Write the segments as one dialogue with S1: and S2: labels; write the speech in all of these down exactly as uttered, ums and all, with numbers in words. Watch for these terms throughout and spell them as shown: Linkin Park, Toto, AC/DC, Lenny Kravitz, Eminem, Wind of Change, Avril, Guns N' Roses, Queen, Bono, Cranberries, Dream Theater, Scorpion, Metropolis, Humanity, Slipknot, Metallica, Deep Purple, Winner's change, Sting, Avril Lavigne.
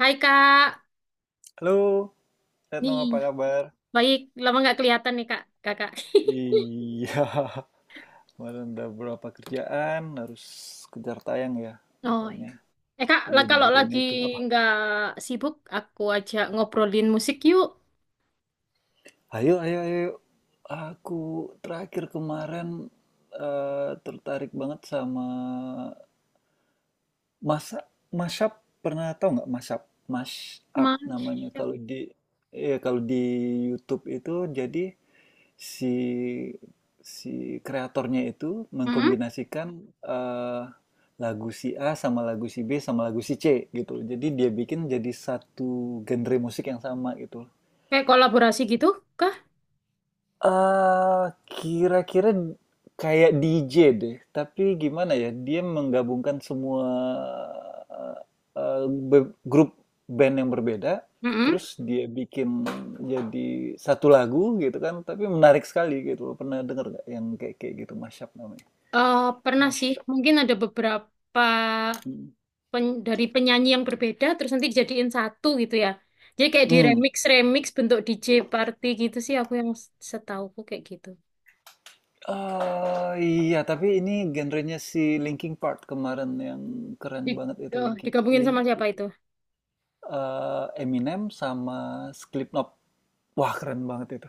S1: Hai Kak,
S2: Halo, Retno
S1: nih
S2: apa kabar?
S1: baik lama nggak kelihatan nih Kak, Kakak.
S2: Iya, kemarin ada beberapa kerjaan, harus kejar tayang ya,
S1: Oh iya.
S2: makanya
S1: Eh Kak,
S2: iya
S1: lah kalau
S2: diburuin
S1: lagi
S2: itu. Apa?
S1: nggak sibuk, aku ajak ngobrolin musik yuk.
S2: Ayo, ayo, ayo. Aku terakhir kemarin eh, tertarik banget sama masa mashup. Pernah tau nggak mashup? Mashup namanya.
S1: Masya.
S2: Kalau di, ya kalau di YouTube itu jadi si si kreatornya itu
S1: Mm-mm.
S2: mengkombinasikan eh, lagu si A sama lagu si B sama lagu si C gitu. Jadi dia bikin jadi satu genre musik yang sama gitu.
S1: Kayak kolaborasi gitu kah?
S2: Eee, Kira-kira kayak D J deh, tapi gimana ya, dia menggabungkan semua, eee, be grup band yang berbeda,
S1: Mm-mm.
S2: terus dia bikin jadi satu lagu gitu kan, tapi menarik sekali gitu loh. Pernah denger nggak yang kayak kayak gitu, mashup namanya?
S1: Eh, Pernah sih,
S2: Mashup,
S1: mungkin ada beberapa
S2: hmm
S1: pen- dari penyanyi yang berbeda, terus nanti dijadiin satu gitu ya. Jadi kayak di
S2: Mmm,
S1: remix, remix bentuk D J party gitu sih, aku yang setauku kayak gitu.
S2: eee, iya, tapi ini genrenya si Linkin Park kemarin yang keren
S1: Di,
S2: banget itu,
S1: oh,
S2: Linkin
S1: digabungin
S2: Link
S1: sama siapa itu?
S2: eee, Eminem sama Slipknot. Wah, keren banget itu.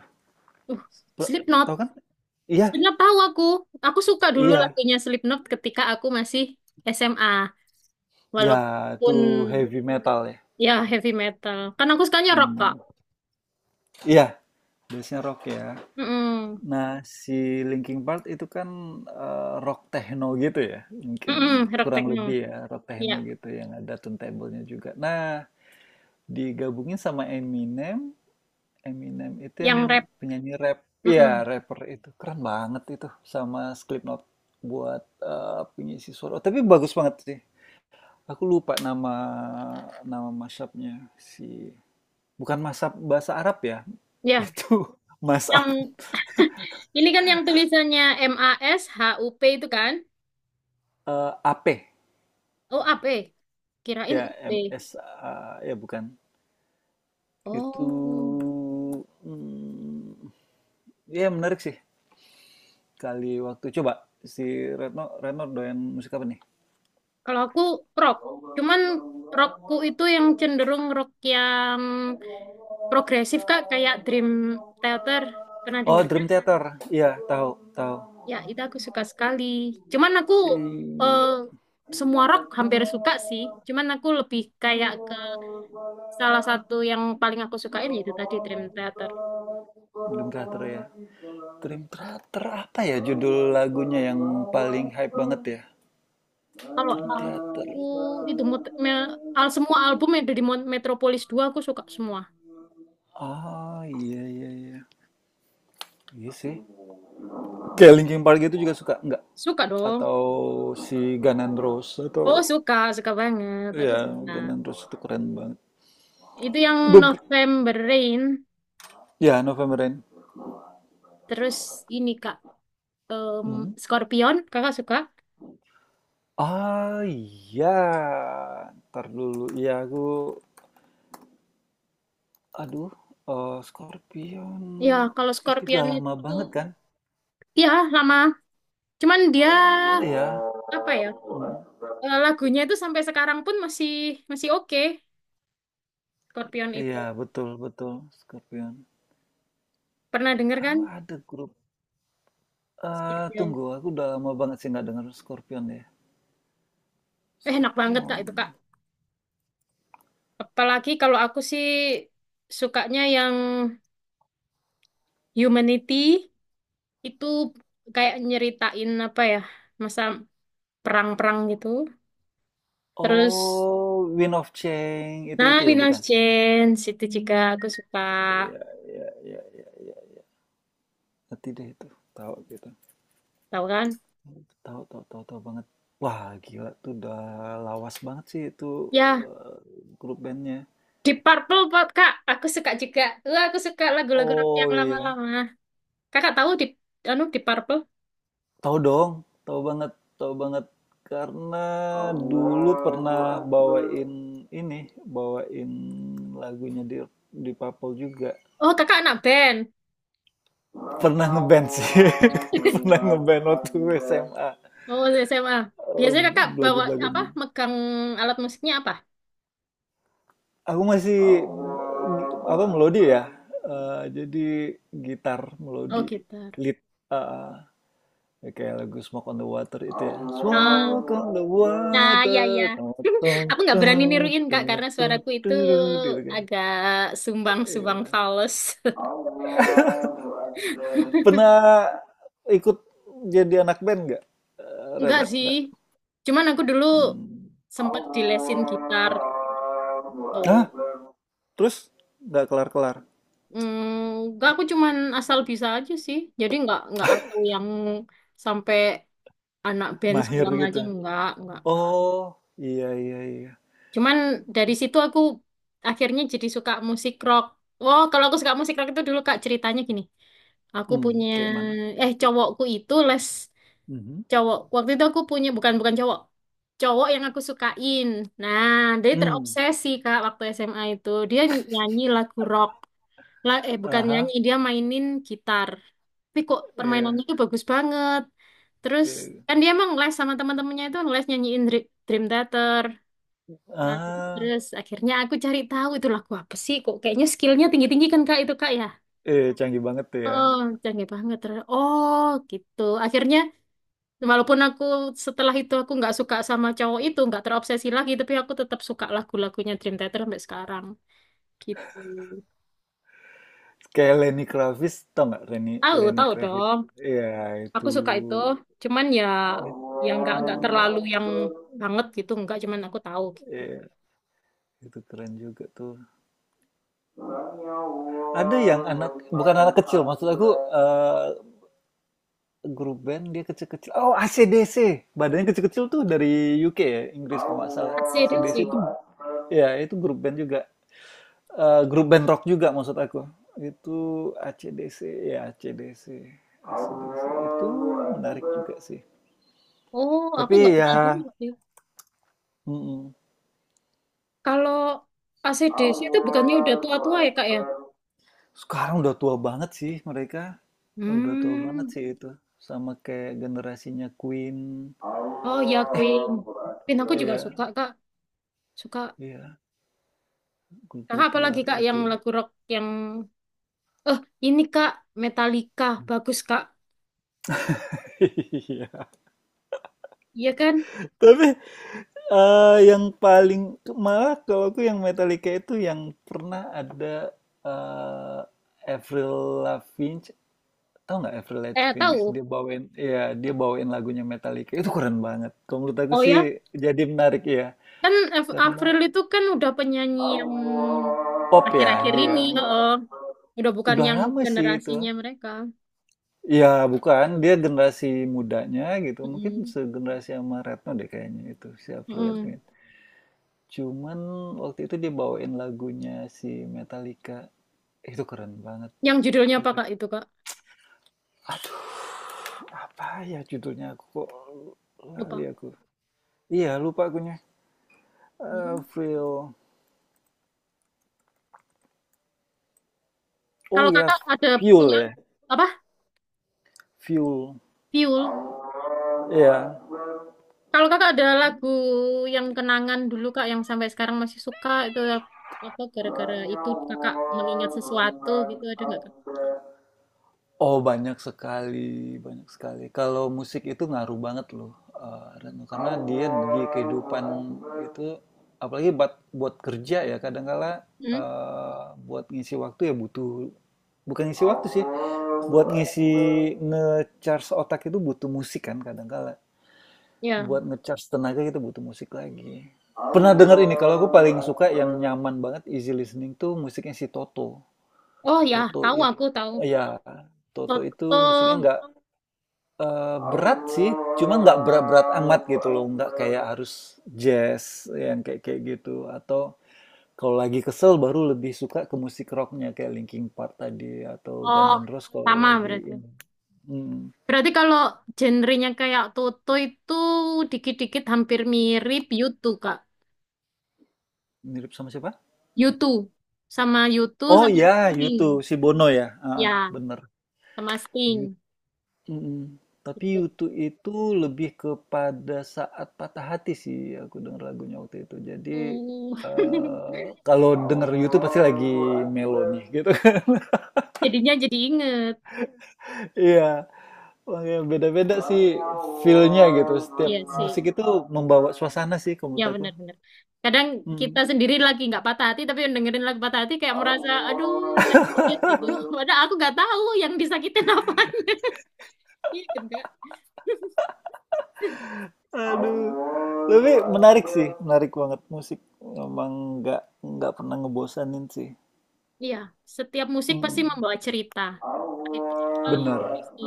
S1: Uh,
S2: Ber
S1: Slipknot.
S2: tahu kan? Iya
S1: Slipknot tahu aku. Aku suka dulu
S2: iya.
S1: lagunya Slipknot ketika aku masih S M A.
S2: Ya,
S1: Walaupun
S2: itu heavy metal ya?
S1: ya heavy metal. Kan aku sukanya rock, Kak.
S2: Mmm, iya, base rock ya.
S1: Mm-mm.
S2: Nah, si Linkin Park itu kan, eee, rock techno gitu ya, mungkin
S1: Mm-mm, rock
S2: kurang
S1: techno.
S2: lebih ya, rock techno
S1: Ya,
S2: gitu yang ada turntable juga. Nah, digabungin sama Eminem. Eminem itu yang
S1: yang rap.
S2: penyanyi rap,
S1: Mm-mm.
S2: iya, rapper itu keren banget itu sama Slipknot buat eh, pengisi suara. Oh, tapi bagus banget sih. Aku lupa nama nama mashup-nya si bukan mashup bahasa Arab ya.
S1: Ya,
S2: Itu mashup
S1: yang ini kan yang tulisannya M A S H U P itu kan?
S2: eh, A P
S1: Oh, A P, kirain
S2: ya
S1: U
S2: M
S1: P.
S2: S A ya bukan. Itu
S1: Oh.
S2: hmm, ya menarik sih. Kali waktu coba si Retno Retno doyan musik apa nih?
S1: Kalau aku rock. Cuman rockku itu yang cenderung rock yang progresif, Kak, kayak Dream Theater. Pernah
S2: Oh,
S1: denger?
S2: Dream Theater. Iya, tahu, tahu.
S1: Ya, itu aku suka sekali. Cuman aku eh,
S2: Iya.
S1: semua rock hampir suka sih. Cuman aku lebih kayak ke salah satu yang paling aku sukain yaitu tadi Dream Theater.
S2: Dream Theater ya. Dream Theater apa ya judul lagunya yang paling hype banget ya?
S1: Kalau
S2: Dream
S1: aku
S2: Theater.
S1: itu mut- me- al semua album yang ada di Mon- Metropolis dua aku suka semua.
S2: Ah, iya iya iya. Iya sih. Kayak Linkin Park itu juga suka enggak?
S1: Suka dong.
S2: Atau si Guns N' Roses
S1: Oh,
S2: atau,
S1: suka, suka banget. Aku
S2: iya,
S1: suka.
S2: Guns N' Roses itu keren banget.
S1: Itu yang
S2: Beb-
S1: November Rain,
S2: Ya, November Rain.
S1: terus ini Kak, em,
S2: Hmm.
S1: Scorpion, Kakak suka?
S2: Ah, iya. Ntar dulu. Iya, aku. Aduh, eh, Scorpion.
S1: Ya, kalau
S2: Itu udah
S1: Scorpion
S2: lama
S1: itu
S2: banget kan?
S1: ya lama. Cuman dia
S2: Iya,
S1: apa ya eh, lagunya itu sampai sekarang pun masih masih oke Scorpion itu
S2: iya, betul, betul. Scorpion.
S1: pernah denger kan
S2: Aku ada grup. eh
S1: Scorpion
S2: tunggu, aku udah lama banget sih nggak denger Scorpion ya.
S1: eh, enak banget kak
S2: Scorpion.
S1: itu kak apalagi kalau aku sih sukanya yang Humanity itu kayak nyeritain apa ya masa perang-perang gitu terus
S2: Oh, Wind of Change.
S1: nah
S2: Itu-itu ya,
S1: Winner's
S2: bukan?
S1: change itu juga aku suka
S2: Iya, iya, iya, iya, iya. Nanti deh itu. Tahu gitu.
S1: tahu kan
S2: Tahu, tahu, tahu, tahu banget. Wah, gila tuh udah lawas banget sih itu
S1: ya
S2: eh, grup bandnya.
S1: Deep Purple Pak, kak aku suka juga. Wah, aku suka lagu-lagu rock yang
S2: Oh iya,
S1: lama-lama kakak tahu di anu Deep Purple.
S2: tahu dong, tahu banget, tahu banget. Karena dulu pernah bawain ini, bawain lagunya di di Papel juga.
S1: Oh, kakak anak band.
S2: Pernah ngeband sih, pernah ngeband waktu S M A.
S1: Oh, S M A.
S2: Eh,
S1: Biasanya kakak bawa apa?
S2: Lagu-lagunya.
S1: Megang alat musiknya apa?
S2: Aku masih apa melodi ya? Eh, jadi gitar
S1: Oh,
S2: melodi
S1: gitar.
S2: lead, eh, ya kayak lagu Smoke on the Water itu ya.
S1: Oh,
S2: Smoke on the
S1: nah, ya, ya.
S2: water. Tung, tung,
S1: Aku nggak berani
S2: tung,
S1: niruin, Kak,
S2: tung,
S1: karena
S2: tung,
S1: suaraku itu
S2: tung, gitu kan.
S1: agak sumbang-sumbang
S2: Iya.
S1: fals.
S2: Pernah ikut jadi anak band nggak? Eh,
S1: Enggak
S2: Reno,
S1: sih.
S2: nggak?
S1: Cuman aku dulu
S2: Hmm.
S1: sempat dilesin gitar
S2: Hah?
S1: tuh.
S2: Terus nggak kelar-kelar?
S1: Hmm, enggak, aku cuman asal bisa aja sih. Jadi nggak nggak aku yang sampai anak band
S2: Mahir
S1: segala
S2: gitu.
S1: macam. Enggak, enggak.
S2: Oh, iya iya iya.
S1: Cuman dari situ aku akhirnya jadi suka musik rock. Wow, kalau aku suka musik rock itu dulu Kak ceritanya gini. Aku
S2: Mmm,
S1: punya
S2: kayak mana?
S1: eh cowokku itu les
S2: Mhm,
S1: cowok. Waktu itu aku punya bukan bukan cowok. Cowok yang aku sukain. Nah, dia
S2: mmm,
S1: terobsesi Kak waktu S M A itu. Dia nyanyi lagu rock. La, eh
S2: ah
S1: bukan
S2: hah,
S1: nyanyi, dia mainin gitar. Tapi kok permainannya
S2: iya
S1: itu bagus banget. Terus
S2: iya.
S1: kan dia emang les sama teman-temannya itu les nyanyiin Dr- Dream Theater. Nah,
S2: Ah,
S1: terus akhirnya aku cari tahu itu lagu apa sih kok kayaknya skillnya tinggi-tinggi kan Kak itu Kak ya.
S2: iya, canggih banget tuh ya.
S1: Oh, canggih banget. Terus, oh, gitu. Akhirnya walaupun aku setelah itu aku nggak suka sama cowok itu, nggak terobsesi lagi, tapi aku tetap suka lagu-lagunya Dream Theater sampai sekarang. Gitu.
S2: Kayak Lenny Kravitz, tau nggak Lenny
S1: Tahu,
S2: Lenny
S1: tahu
S2: Kravitz?
S1: dong.
S2: Iya itu
S1: Aku suka itu. Cuman ya yang nggak nggak terlalu yang banget gitu, nggak cuman aku tahu gitu.
S2: iya, itu keren juga tuh. Ada yang anak bukan anak kecil, maksud aku, eh, grup band dia kecil-kecil. Oh, A C/D C. Badannya kecil-kecil tuh dari U K ya, Inggris kalau nggak salah.
S1: Kasih deh
S2: A C/D C
S1: sih.
S2: itu ya itu grup band juga. Eh, grup band rock juga maksud aku. Itu AC/DC ya AC/DC. AC/DC itu menarik juga sih.
S1: Oh, aku
S2: Tapi
S1: nggak
S2: ya
S1: pernah denger sih.
S2: mm-mm.
S1: Kalau A C D C itu bukannya udah tua-tua ya, Kak ya?
S2: Sekarang udah tua banget sih mereka. Udah tua banget
S1: Hmm.
S2: sih itu. Sama kayak generasinya Queen.
S1: Oh ya, Queen. Queen aku
S2: Eh,
S1: juga suka,
S2: Iya.
S1: Kak. Suka.
S2: Iya,
S1: Kakak
S2: grup-grup
S1: apalagi,
S2: luar
S1: Kak, yang
S2: itu.
S1: lagu rock yang... Eh, ini, Kak. Metallica. Bagus, Kak.
S2: Iya.
S1: Iya kan?
S2: Tapi eh, yang paling malah kalau aku yang Metallica itu yang pernah ada eh, Avril Lavigne, tau nggak Avril
S1: Eh,
S2: Lavigne?
S1: tahu.
S2: Dia bawain, ya, dia bawain lagunya Metallica itu keren banget. Kalau menurut aku
S1: Oh
S2: sih
S1: ya?
S2: jadi menarik ya,
S1: Kan Af-
S2: karena
S1: Avril itu kan udah penyanyi yang
S2: pop ya
S1: akhir-akhir
S2: dia.
S1: ini. Oh, udah bukan
S2: Udah
S1: yang
S2: lama sih itu.
S1: generasinya mereka.
S2: Ya bukan, dia generasi mudanya gitu, mungkin
S1: Mm-mm.
S2: segenerasi sama Retno deh kayaknya itu si Avril
S1: Mm-mm.
S2: Lavigne. Cuman waktu itu dia bawain lagunya si Metallica. Itu keren banget,
S1: Yang judulnya apa,
S2: cocok.
S1: Kak, itu, Kak?
S2: Aduh, apa ya judulnya? Aku kok lali
S1: Lupa.
S2: aku. Iya, lupa akunya.
S1: Hmm.
S2: Eh, Fuel. Oh
S1: Kalau
S2: iya,
S1: kakak ada
S2: Fuel
S1: punya...
S2: ya.
S1: apa?
S2: Fuel.
S1: Piul.
S2: Iya.
S1: Kalau kakak ada lagu yang kenangan dulu kak yang sampai sekarang masih suka itu apa gara-gara itu kakak mengingat sesuatu gitu ada nggak kak?
S2: Oh, banyak sekali, banyak sekali. Kalau musik itu ngaruh banget loh, eh, Reno. Karena dia di kehidupan itu, apalagi buat, buat kerja ya, kadangkala
S1: Hmm?
S2: eh, buat ngisi waktu ya butuh, bukan ngisi waktu sih, buat ngisi nge-charge otak itu butuh musik kan kadangkala.
S1: Ya.
S2: Buat nge-charge tenaga itu butuh musik lagi. Pernah dengar ini, kalau aku paling suka yang nyaman banget, easy listening tuh musiknya si Toto.
S1: Oh ya,
S2: Toto
S1: tahu
S2: itu,
S1: aku tahu.
S2: Ya, Toto
S1: Toto.
S2: itu musiknya nggak, eee, berat sih, cuma nggak berat-berat amat gitu loh, nggak kayak harus jazz yang kayak kayak gitu, atau kalau lagi kesel baru lebih suka ke musik rocknya kayak Linkin Park tadi atau Guns
S1: Oh,
S2: N' Roses kalau
S1: sama
S2: lagi
S1: berarti.
S2: ini. Mhm,
S1: Berarti kalau genrenya kayak Toto itu dikit-dikit hampir mirip YouTube kak.
S2: mirip sama siapa?
S1: YouTube sama YouTube
S2: Oh
S1: sama
S2: ya, YouTube
S1: Sting.
S2: si Bono ya? Heeh,
S1: Ya,
S2: bener.
S1: sama Sting.
S2: Mm. Tapi
S1: Gitu.
S2: YouTube itu lebih kepada saat patah hati sih aku denger lagunya waktu itu. Jadi
S1: Oh.
S2: eh, kalau denger YouTube pasti lagi melo nih gitu kan.
S1: Jadinya jadi inget.
S2: Iya, makanya beda-beda sih feel-nya gitu. Setiap
S1: Iya sih.
S2: musik itu membawa suasana sih kalau
S1: Ya
S2: menurut aku.
S1: benar-benar. Kadang kita
S2: Mm.
S1: sendiri lagi nggak patah hati, tapi yang dengerin lagu patah hati kayak merasa, aduh sakit gitu. Padahal aku nggak tahu yang disakitin apa. Iya kan, Kak?
S2: Aduh, lebih menarik sih, menarik banget musik. Memang nggak nggak pernah ngebosanin sih.
S1: Iya, setiap musik pasti
S2: Mm.
S1: membawa cerita. Itu apa?
S2: Bener.
S1: Pasti.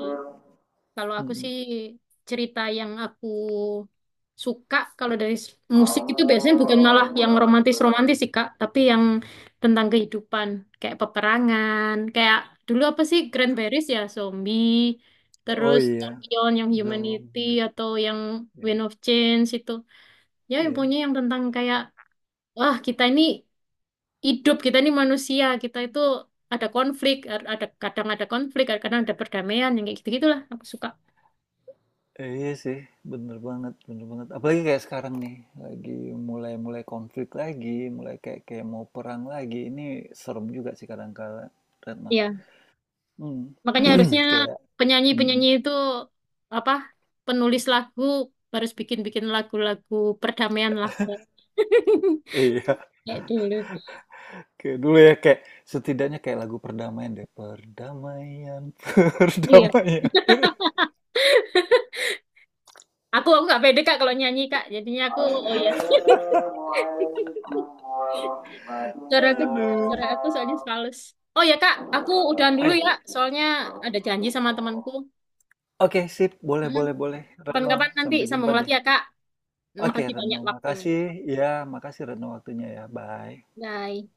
S1: Kalau aku
S2: Mm.
S1: sih cerita yang aku suka kalau dari s- musik itu biasanya bukan malah yang romantis-romantis sih Kak, tapi yang tentang kehidupan kayak peperangan, kayak dulu apa sih Cranberries ya zombie,
S2: Oh
S1: terus
S2: iya,
S1: Scorpion yang Humanity
S2: zombie,
S1: atau yang
S2: iya
S1: Wind of Change itu. Ya
S2: iya.
S1: pokoknya yang tentang kayak wah kita ini hidup, kita ini manusia, kita itu ada konflik, er, ada kadang ada konflik, kadang ada perdamaian yang kayak gitu-gitulah aku suka.
S2: Eh, iya sih, bener banget, bener banget. Apalagi kayak sekarang nih, lagi mulai-mulai konflik lagi, mulai kayak kayak mau perang lagi. Ini serem juga sih kadang kala, Retno. Hmm.
S1: Makanya harusnya
S2: Kayak
S1: penyanyi-penyanyi
S2: mhm.
S1: itu apa penulis lagu harus bikin-bikin lagu-lagu perdamaian lah
S2: Iya,
S1: kayak dulu.
S2: kayak dulu ya, kayak setidaknya kayak lagu perdamaian deh. Perdamaian,
S1: Iya.
S2: perdamaian.
S1: Aku aku nggak pede Kak kalau nyanyi Kak. Jadinya aku oh iya. Suara aku suara
S2: Aduh.
S1: aku soalnya halus. Oh ya Kak, aku udahan dulu ya.
S2: Eh,
S1: Soalnya ada janji sama temanku.
S2: oke sip, boleh,
S1: mm
S2: boleh, boleh. Retno,
S1: Kapan-kapan nanti
S2: sampai jumpa
S1: sambung lagi
S2: deh.
S1: ya Kak.
S2: Oke
S1: Makasih
S2: Retno,
S1: banyak waktunya.
S2: makasih. Ya, makasih Retno waktunya ya. Bye.
S1: Bye.